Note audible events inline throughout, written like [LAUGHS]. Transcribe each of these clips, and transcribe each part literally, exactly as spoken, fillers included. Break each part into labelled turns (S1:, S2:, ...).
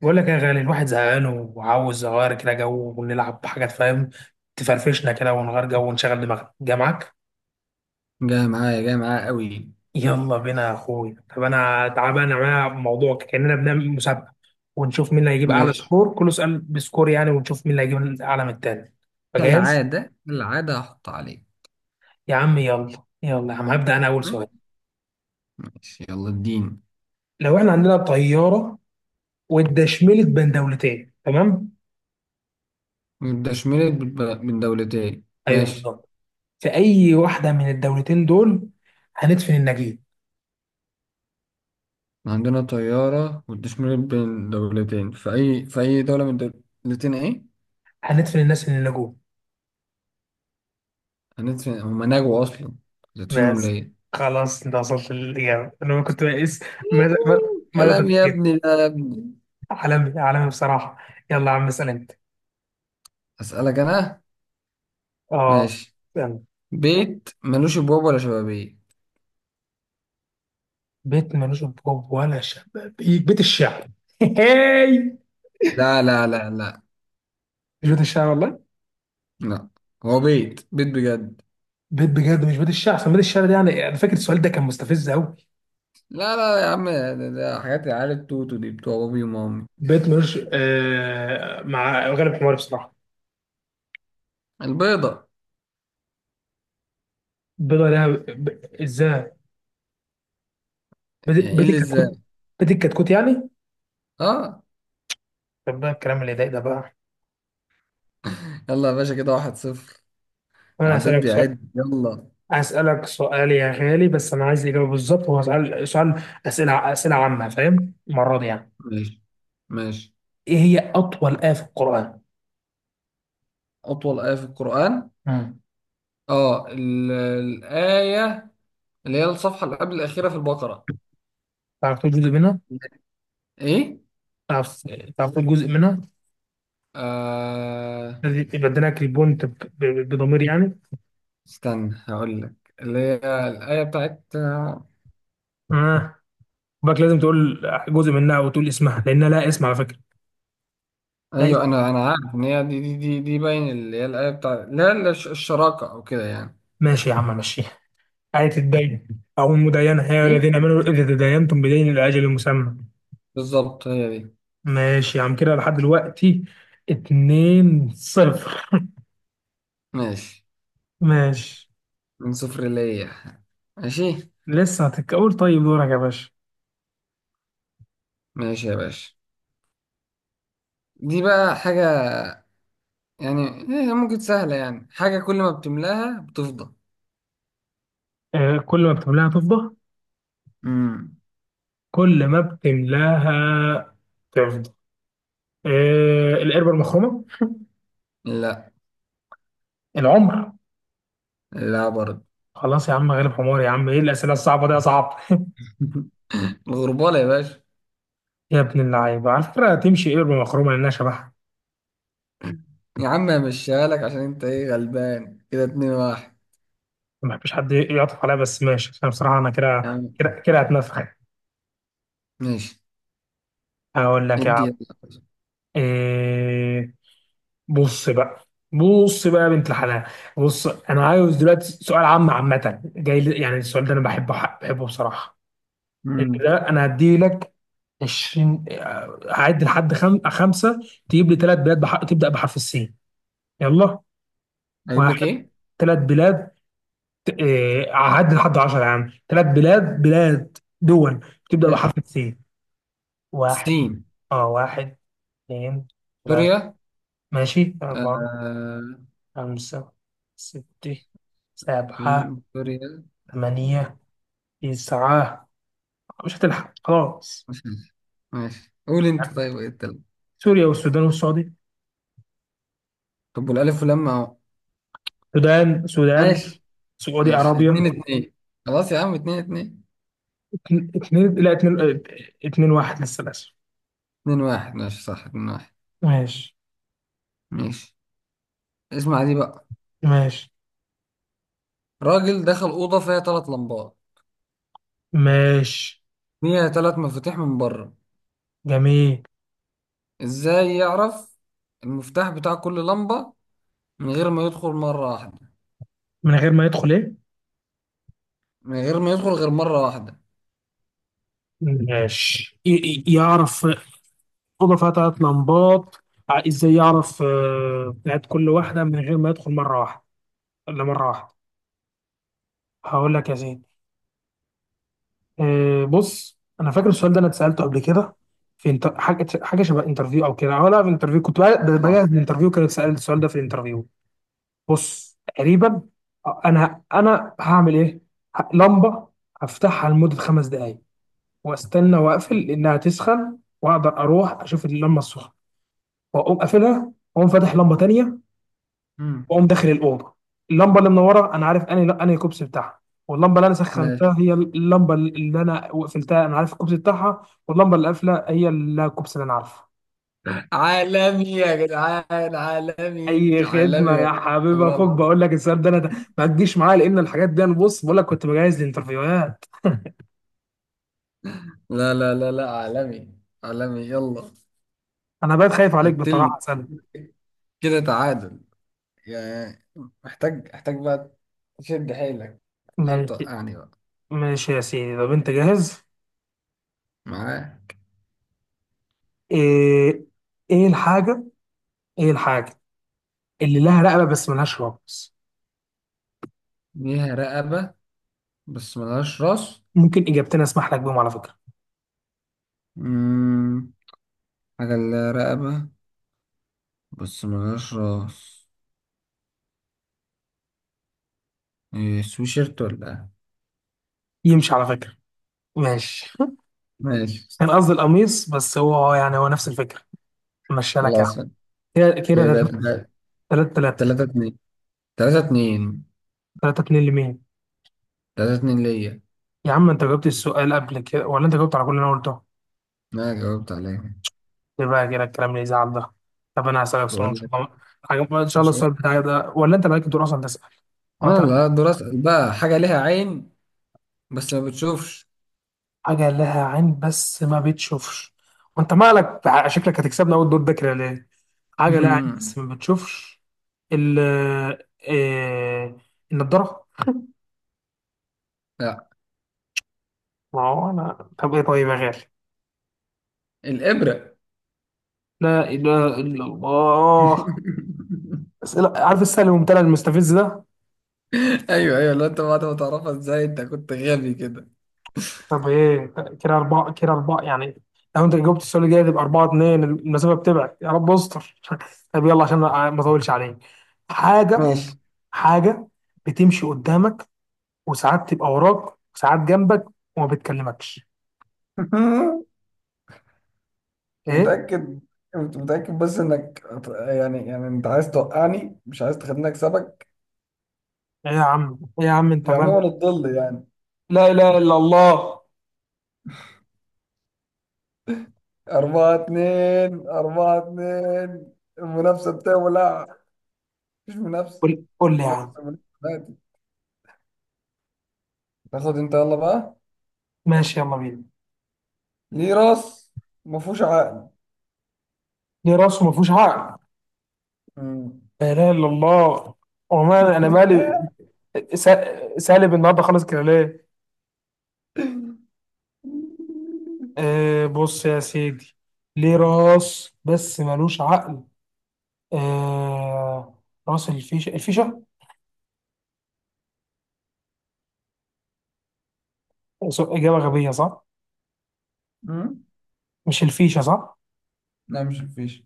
S1: بقول لك يا غالي، الواحد زهقان وعاوز اغير كده جو ونلعب حاجات، فاهم؟ تفرفشنا كده ونغير جو ونشغل دماغنا، جامعك؟
S2: جاي معايا، جاي معايا قوي.
S1: يلا بينا يا اخويا. طب انا تعال بقى نعمل موضوع كاننا بنعمل مسابقه، ونشوف مين اللي هيجيب اعلى
S2: ماشي.
S1: سكور، كل سؤال بسكور يعني، ونشوف مين اللي هيجيب اعلى من التاني. فجاهز؟
S2: كالعادة العادة هحط عليه.
S1: يا عم يلا. يلا يا عم، هبدا انا اول سؤال.
S2: ماشي. ماشي، يلا الدين.
S1: لو احنا عندنا طياره واتدشملت بين دولتين، تمام؟
S2: والتشميرة بين دولتين.
S1: ايوه
S2: ماشي.
S1: بالظبط. في اي واحده من الدولتين دول هندفن النجيب؟
S2: عندنا طيارة والتشميرة بين دولتين، في أي في أي دولة من الدولتين إيه؟
S1: هندفن الناس اللي نجوا؟
S2: هندفن؟ هما نجوا أصلا، هتدفنهم
S1: بس،
S2: ليه؟
S1: خلاص، انت وصلت للإجابة. أنا كنت بقيس مدى مدى مدى
S2: كلام يا
S1: تفكير
S2: ابني ده، يا ابني.
S1: عالمي عالمي بصراحة. يلا يا عم، اسأل أنت.
S2: أسألك أنا؟
S1: آه.
S2: ماشي.
S1: يلا.
S2: بيت ملوش أبواب ولا شبابيك.
S1: بيت ملوش أبواب ولا شبابيك؟ بيت الشعر. [LAUGHS] هاي.
S2: لا لا لا لا
S1: مش بيت الشعر والله.
S2: لا. هو بيت، بيت بجد.
S1: بيت بجد مش بيت الشعر؟ عشان بيت الشعر ده، يعني، أنا فاكر السؤال ده كان مستفز أوي.
S2: لا لا يا عم، ده, ده حاجات العيال التوتو دي، بتوع بابي ومامي.
S1: بيت ملوش، آه مع غالب حماري بصراحة.
S2: البيضة.
S1: بيضة لها ب... إزاي؟ بيت
S2: يعني ايه
S1: بيت
S2: اللي ازاي؟
S1: الكتكوت. بيت الكتكوت يعني.
S2: اه.
S1: طب بقى الكلام اللي ضايق ده بقى.
S2: يلا يا باشا، كده واحد صفر.
S1: أنا
S2: العداد
S1: هسألك سؤال
S2: بيعد يلا.
S1: هسألك سؤال يا غالي. بس أنا عايز الإجابة بالظبط. هو سؤال سؤال، أسئلة أسئلة عامة، فاهم المرة دي يعني؟
S2: ماشي. ماشي.
S1: إيه هي أطول آية في القرآن؟
S2: أطول آية في القرآن؟
S1: مم.
S2: اه ال- الآية اللي هي الصفحة اللي قبل الأخيرة في البقرة.
S1: تعرف تقول جزء منها؟
S2: ايه.
S1: تعرف تعرف تقول جزء منها؟
S2: آه.
S1: الذي بدلك البونت ب- ب- بضمير يعني؟
S2: استنى، هقول لك. اللي هي الآية بتاعت آه،
S1: آه. باك لازم تقول جزء منها وتقول اسمها، لأنها لا اسم على فكرة. لا اسم.
S2: ايوه انا انا عارف ان هي دي، دي دي, دي باين اللي هي الآية بتاعت، لا لا الش- الشراكة او كده يعني.
S1: ماشي يا عم، ماشي. آية الدين، أو المداينة، يا
S2: ايه
S1: الذين آمنوا إذا تداينتم بدين إلى أجل مسمى.
S2: بالظبط، هي دي.
S1: ماشي يا عم، كده لحد دلوقتي اتنين صفر.
S2: ماشي.
S1: ماشي.
S2: من صفر ليا. ماشي.
S1: لسه هتتقول. طيب دورك يا باشا.
S2: ماشي يا باشا. دي بقى حاجة يعني. إيه هي؟ ممكن سهلة يعني. حاجة كل ما بتملاها بتفضى.
S1: آه، كل ما بتملاها تفضى.
S2: امم
S1: كل ما بتملاها تفضى. آه، القربة المخرومة.
S2: لا.
S1: العمر.
S2: لا برضه.
S1: خلاص يا عم، غالب حمار يا عم. ايه الأسئلة الصعبة دي يا صعب؟
S2: [LAUGHS] الغربالة يا باشا.
S1: [LAUGHS] يا ابن اللعيبة، على فكرة تمشي قربة مخرومة لأنها شبهها.
S2: يا عم همشيها لك عشان انت ايه، غلبان كده، اتنين واحد.
S1: ما بحبش حد يعطف عليها، بس ماشي، عشان بصراحة أنا
S2: يا
S1: كده
S2: عم.
S1: كده كده هتنفخ يعني.
S2: ماشي.
S1: هقول لك يا
S2: ادي
S1: عم.
S2: يلا.
S1: آه بص بقى. بص بقى يا بنت الحلال. بص، انا عايز دلوقتي سؤال عام، عامه، جاي لي- يعني السؤال ده انا بحبه بحبه بصراحه. انت
S2: امم
S1: ده انا هدي لك عشرين، آه، هعد لحد خم... خمسه. تجيب لي ثلاث بلاد بح... تبدا بحرف السين. يلا.
S2: اجيب لك
S1: واحد،
S2: ايه؟
S1: ثلاث بلاد، ت- آه، هعد لحد عشرة يا عم. ثلاث بلاد بلاد دول بتبدا
S2: ماشي.
S1: بحرف السين. واحد.
S2: سين
S1: اه. واحد، اثنين، ثلاثة.
S2: سوريا.
S1: ماشي. أربعة،
S2: آه.
S1: خمسة، ستة، سبعة،
S2: سين سوريا.
S1: ثمانية، تسعة. مش هتلحق، خلاص.
S2: ماشي. ماشي قول انت. طيب ايه التالت؟
S1: سوريا والسودان والسعودية.
S2: طب والألف واللام أهو.
S1: السودان السودان.
S2: ماشي.
S1: سعودي
S2: ماشي اتنين
S1: عربية.
S2: اتنين خلاص يا عم اتنين اتنين.
S1: اتنين، لا، اتنين. اتنين واحد لسه للأسف.
S2: اتنين واحد، ماشي صح، اتنين واحد.
S1: ماشي.
S2: ماشي. اسمع دي بقى.
S1: ماشي.
S2: راجل دخل أوضة فيها تلات لمبات.
S1: ماشي.
S2: فيها تلات مفاتيح من بره.
S1: جميل.
S2: ازاي يعرف المفتاح بتاع كل لمبة من غير ما يدخل مرة واحدة؟
S1: من غير ما يدخل ايه؟
S2: من غير ما يدخل غير مرة واحدة.
S1: ماشي، ي- ي- يعرف. أوضة فيها تلات لمبات، ع- ازاي يعرف آه، بتاعت كل واحدة من غير ما يدخل مرة واحدة؟ ولا مرة واحدة. هقول لك يا سيدي. آه، بص، أنا فاكر السؤال ده، أنا اتسألته قبل كده. في انت... حاجة حاجة شبه انترفيو، أو كده، أو لا، في انترفيو، كنت بقى- بجهز
S2: صح.
S1: الانترفيو، كان اتسأل السؤال ده في الانترفيو. بص تقريبا، آه، انا انا هعمل ايه. ه- لمبه هفتحها لمده خمس دقائق، واستنى واقفل لانها تسخن، واقدر اروح اشوف اللمبه السخنه، واقوم قافلها، واقوم فاتح لمبه تانية،
S2: مم.
S1: واقوم داخل الاوضه. اللمبه اللي منوره انا عارف انهي انهي كوبس بتاعها، واللمبه اللي انا
S2: ماشي.
S1: سخنتها هي اللمبه اللي انا وقفلتها، انا عارف الكوبس بتاعها، واللمبه اللي قافله هي الكوبس اللي انا عارفه.
S2: عالمي يا جدعان، عالمي
S1: اي خدمه
S2: عالمي.
S1: يا حبيب
S2: والله
S1: اخوك.
S2: العظيم.
S1: بقول لك السؤال ده انا ده، ما تجيش معايا، لان الحاجات دي، انا بص بقول لك، كنت بجهز الانترفيوهات. [LAUGHS]
S2: لا لا لا لا، عالمي. عالمي يلا.
S1: انا بقيت خايف عليك
S2: قتلني.
S1: بصراحه، سنة.
S2: كده تعادل يعني. محتاج، محتاج بقى تشد حيلك. هل
S1: ماشي.
S2: توقعني بقى؟
S1: ماشي يا سيدي. طب انت جاهز؟
S2: معاه.
S1: ايه ايه الحاجه ايه الحاجه اللي لها رقبه بس ملهاش رأس؟
S2: ليها رقبة بس ملهاش راس.
S1: ممكن اجابتين اسمح لك بيهم على فكره.
S2: مم. حاجة اللي لها رقبة بس ملهاش راس. إيه، سويشيرت ولا إيه؟
S1: يمشي على فكره. ماشي.
S2: ماشي.
S1: كان قصدي القميص، بس هو يعني هو نفس الفكره، مشي لك يعني.
S2: خلاص.
S1: كده كده
S2: كده تلا-
S1: تلاتة، تلاتة،
S2: تلاتة اتنين، تلاتة اتنين،
S1: تلاتة اتنين لمين؟
S2: تلاتة اتنين ليا.
S1: يا عم، انت جاوبت السؤال قبل كده، ولا انت جاوبت على كل اللي انا قلته؟
S2: أنا جاوبت عليها.
S1: ليه بقى كده الكلام اللي يزعل ده؟ طب انا هسألك سؤال ان
S2: بقول
S1: شاء
S2: لك.
S1: الله. حاجة- ان شاء الله
S2: مش
S1: السؤال بتاعي ده، ولا انت مالك دور اصلا تسأل؟
S2: أنا
S1: قطع.
S2: اللي هقدر أسأل بقى. حاجة ليها عين بس ما بتشوفش.
S1: حاجة لها عين بس ما بتشوفش. وانت مالك، بع- شكلك هتكسبنا اول دور ده كده، ليه؟ حاجة لها عين بس
S2: [LAUGHS]
S1: ما بتشوفش. ال إيه... النضارة.
S2: لا.
S1: ما هو انا، طب ايه، طيب يا غالي.
S2: الإبرة.
S1: لا اله الا الله.
S2: [LAUGHS]
S1: اسئله عارف، السهل الممتنع المستفز ده.
S2: ايوه ايوه، لو انت بعد ما تعرفها ازاي انت كنت غبي كده.
S1: طب ايه. كده اربعه، كده اربعه يعني. لو انت جاوبت السؤال الجاي تبقى اربعه اتنين، المسافه بتبعد، يا رب استر. [LAUGHS] طب يلا عشان ما ما اطولش عليك. حاجه
S2: ماشي.
S1: حاجه بتمشي قدامك، وساعات تبقى وراك، وساعات جنبك، وما بتكلمكش.
S2: [LAUGHS]
S1: ايه
S2: متأكد؟ انت متأكد بس انك هت- يعني يعني انت عايز توقعني، مش عايز تخليني اكسبك.
S1: ايه يا عم، ايه يا عم، انت
S2: يا عموما
S1: مالك؟
S2: الظل يعني.
S1: لا اله الا الله.
S2: أربعة اتنين، أربعة اتنين. المنافسة بتولع. مفيش منافسة،
S1: قول قول لي يا
S2: منافسة
S1: عم.
S2: منافسة دلوقتي. تاخد انت يلا بقى.
S1: ماشي يلا بينا.
S2: ليه راس مفهوش عقل؟
S1: ليه راس وما فيهوش عقل؟
S2: مم.
S1: لا اله الا الله، وما انا مالي؟
S2: [LAUGHS]
S1: سا- سالب النهارده خالص، كده ليه؟ آه بص يا سيدي. ليه راس بس ملوش عقل. آه، راس الفيشة. الفيشة. س- إجابة غبية صح؟
S2: مم.
S1: مش الفيشة صح؟
S2: لا، مش مفيش.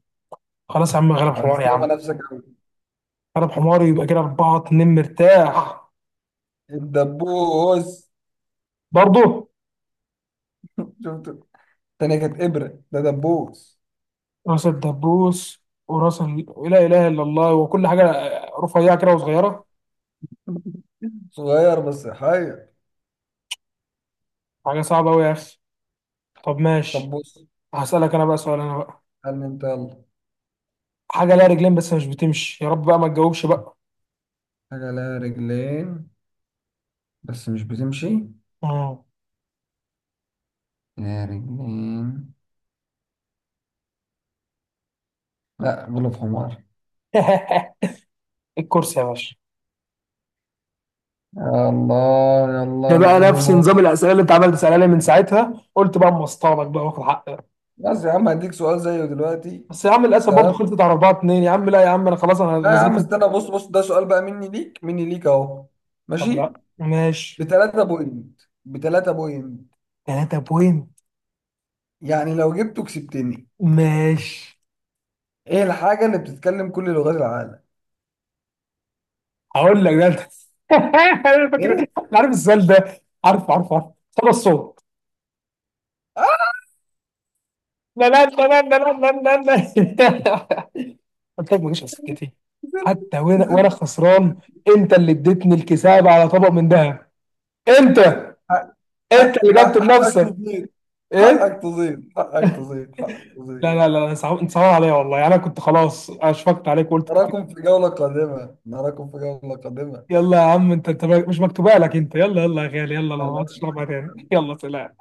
S1: خلاص يا عم، غلب حمار يا
S2: هتستغبى
S1: عم،
S2: نفسك أوي.
S1: غلب حمار، يبقى كده أربعة اتنين مرتاح.
S2: الدبوس.
S1: برضه
S2: شفت؟ التانية كانت إبرة، ده دبوس.
S1: راس الدبوس وراس ال... لا إله إلا الله، وكل حاجة آه، رفيعة كده وصغيرة.
S2: صغير بس حي.
S1: حاجة صعبة أوي يا أخي. طب
S2: طب
S1: ماشي.
S2: بص.
S1: هسألك أنا بقى سؤال، أنا بقى.
S2: قال لي انت، يلا.
S1: حاجة لها رجلين بس مش بتمشي، يا رب بقى ما تجاوبش بقى.
S2: حاجة لها رجلين بس مش بتمشي.
S1: مم.
S2: يا رجلين. لا، غلب حمار.
S1: [LAUGHS] الكرسي يا باشا.
S2: يا الله،
S1: ده
S2: يلا انا
S1: بقى
S2: غبي
S1: نفس
S2: موت.
S1: نظام الاسئله اللي انت عمال تسالها لي، من ساعتها قلت بقى اما اصطادك بقى واخد حقك.
S2: بس يا عم هديك سؤال زيه دلوقتي.
S1: بس يا عم للاسف برضه
S2: تمام.
S1: خلصت على اربعة اثنين يا عم. لا يا عم انا خلاص، انا أنا
S2: لا يا عم
S1: نزلت.
S2: استنى، بص بص، ده سؤال بقى، مني ليك، مني ليك اهو.
S1: طب
S2: ماشي.
S1: لا، ماشي.
S2: بتلاتة بوينت، بتلاتة بوينت.
S1: تلاتة بوينت.
S2: يعني لو جبته كسبتني.
S1: ماشي.
S2: ايه الحاجة اللي بتتكلم كل لغات العالم؟
S1: هقول لك ده انت. [LAUGHS] انا فاكر، انا
S2: ايه؟
S1: عارف السؤال ده. عارف، عارف، عارف. صدى الصوت.
S2: اه.
S1: لا لا لا لا لا لا لا لا. [LAUGHS] قلت لك ماليش على سكتي.
S2: زب.
S1: حتى وانا
S2: زب.
S1: وانا
S2: زب.
S1: خسران. انت اللي اديتني الكساب على طبق من ذهب. انت
S2: حق-
S1: انت
S2: حق-
S1: اللي جبت
S2: حق- حقك
S1: بنفسك.
S2: تزيد،
S1: ايه.
S2: حقك تزيد، حقك تزيد، حقك
S1: لا
S2: تزيد.
S1: لا لا، صعب، انت صعب عليا والله يعني. انا كنت خلاص اشفقت عليك وقلت كت-
S2: نراكم في جولة قادمة، نراكم في جولة قادمة.
S1: يلا يا عم. انت انت مش مكتوبه لك. انت يلا يلا يا غالي. يلا
S2: أنا
S1: لو ما عدتش
S2: مش
S1: تلعبها تاني.
S2: فاكر.
S1: [LAUGHS] يلا سلام.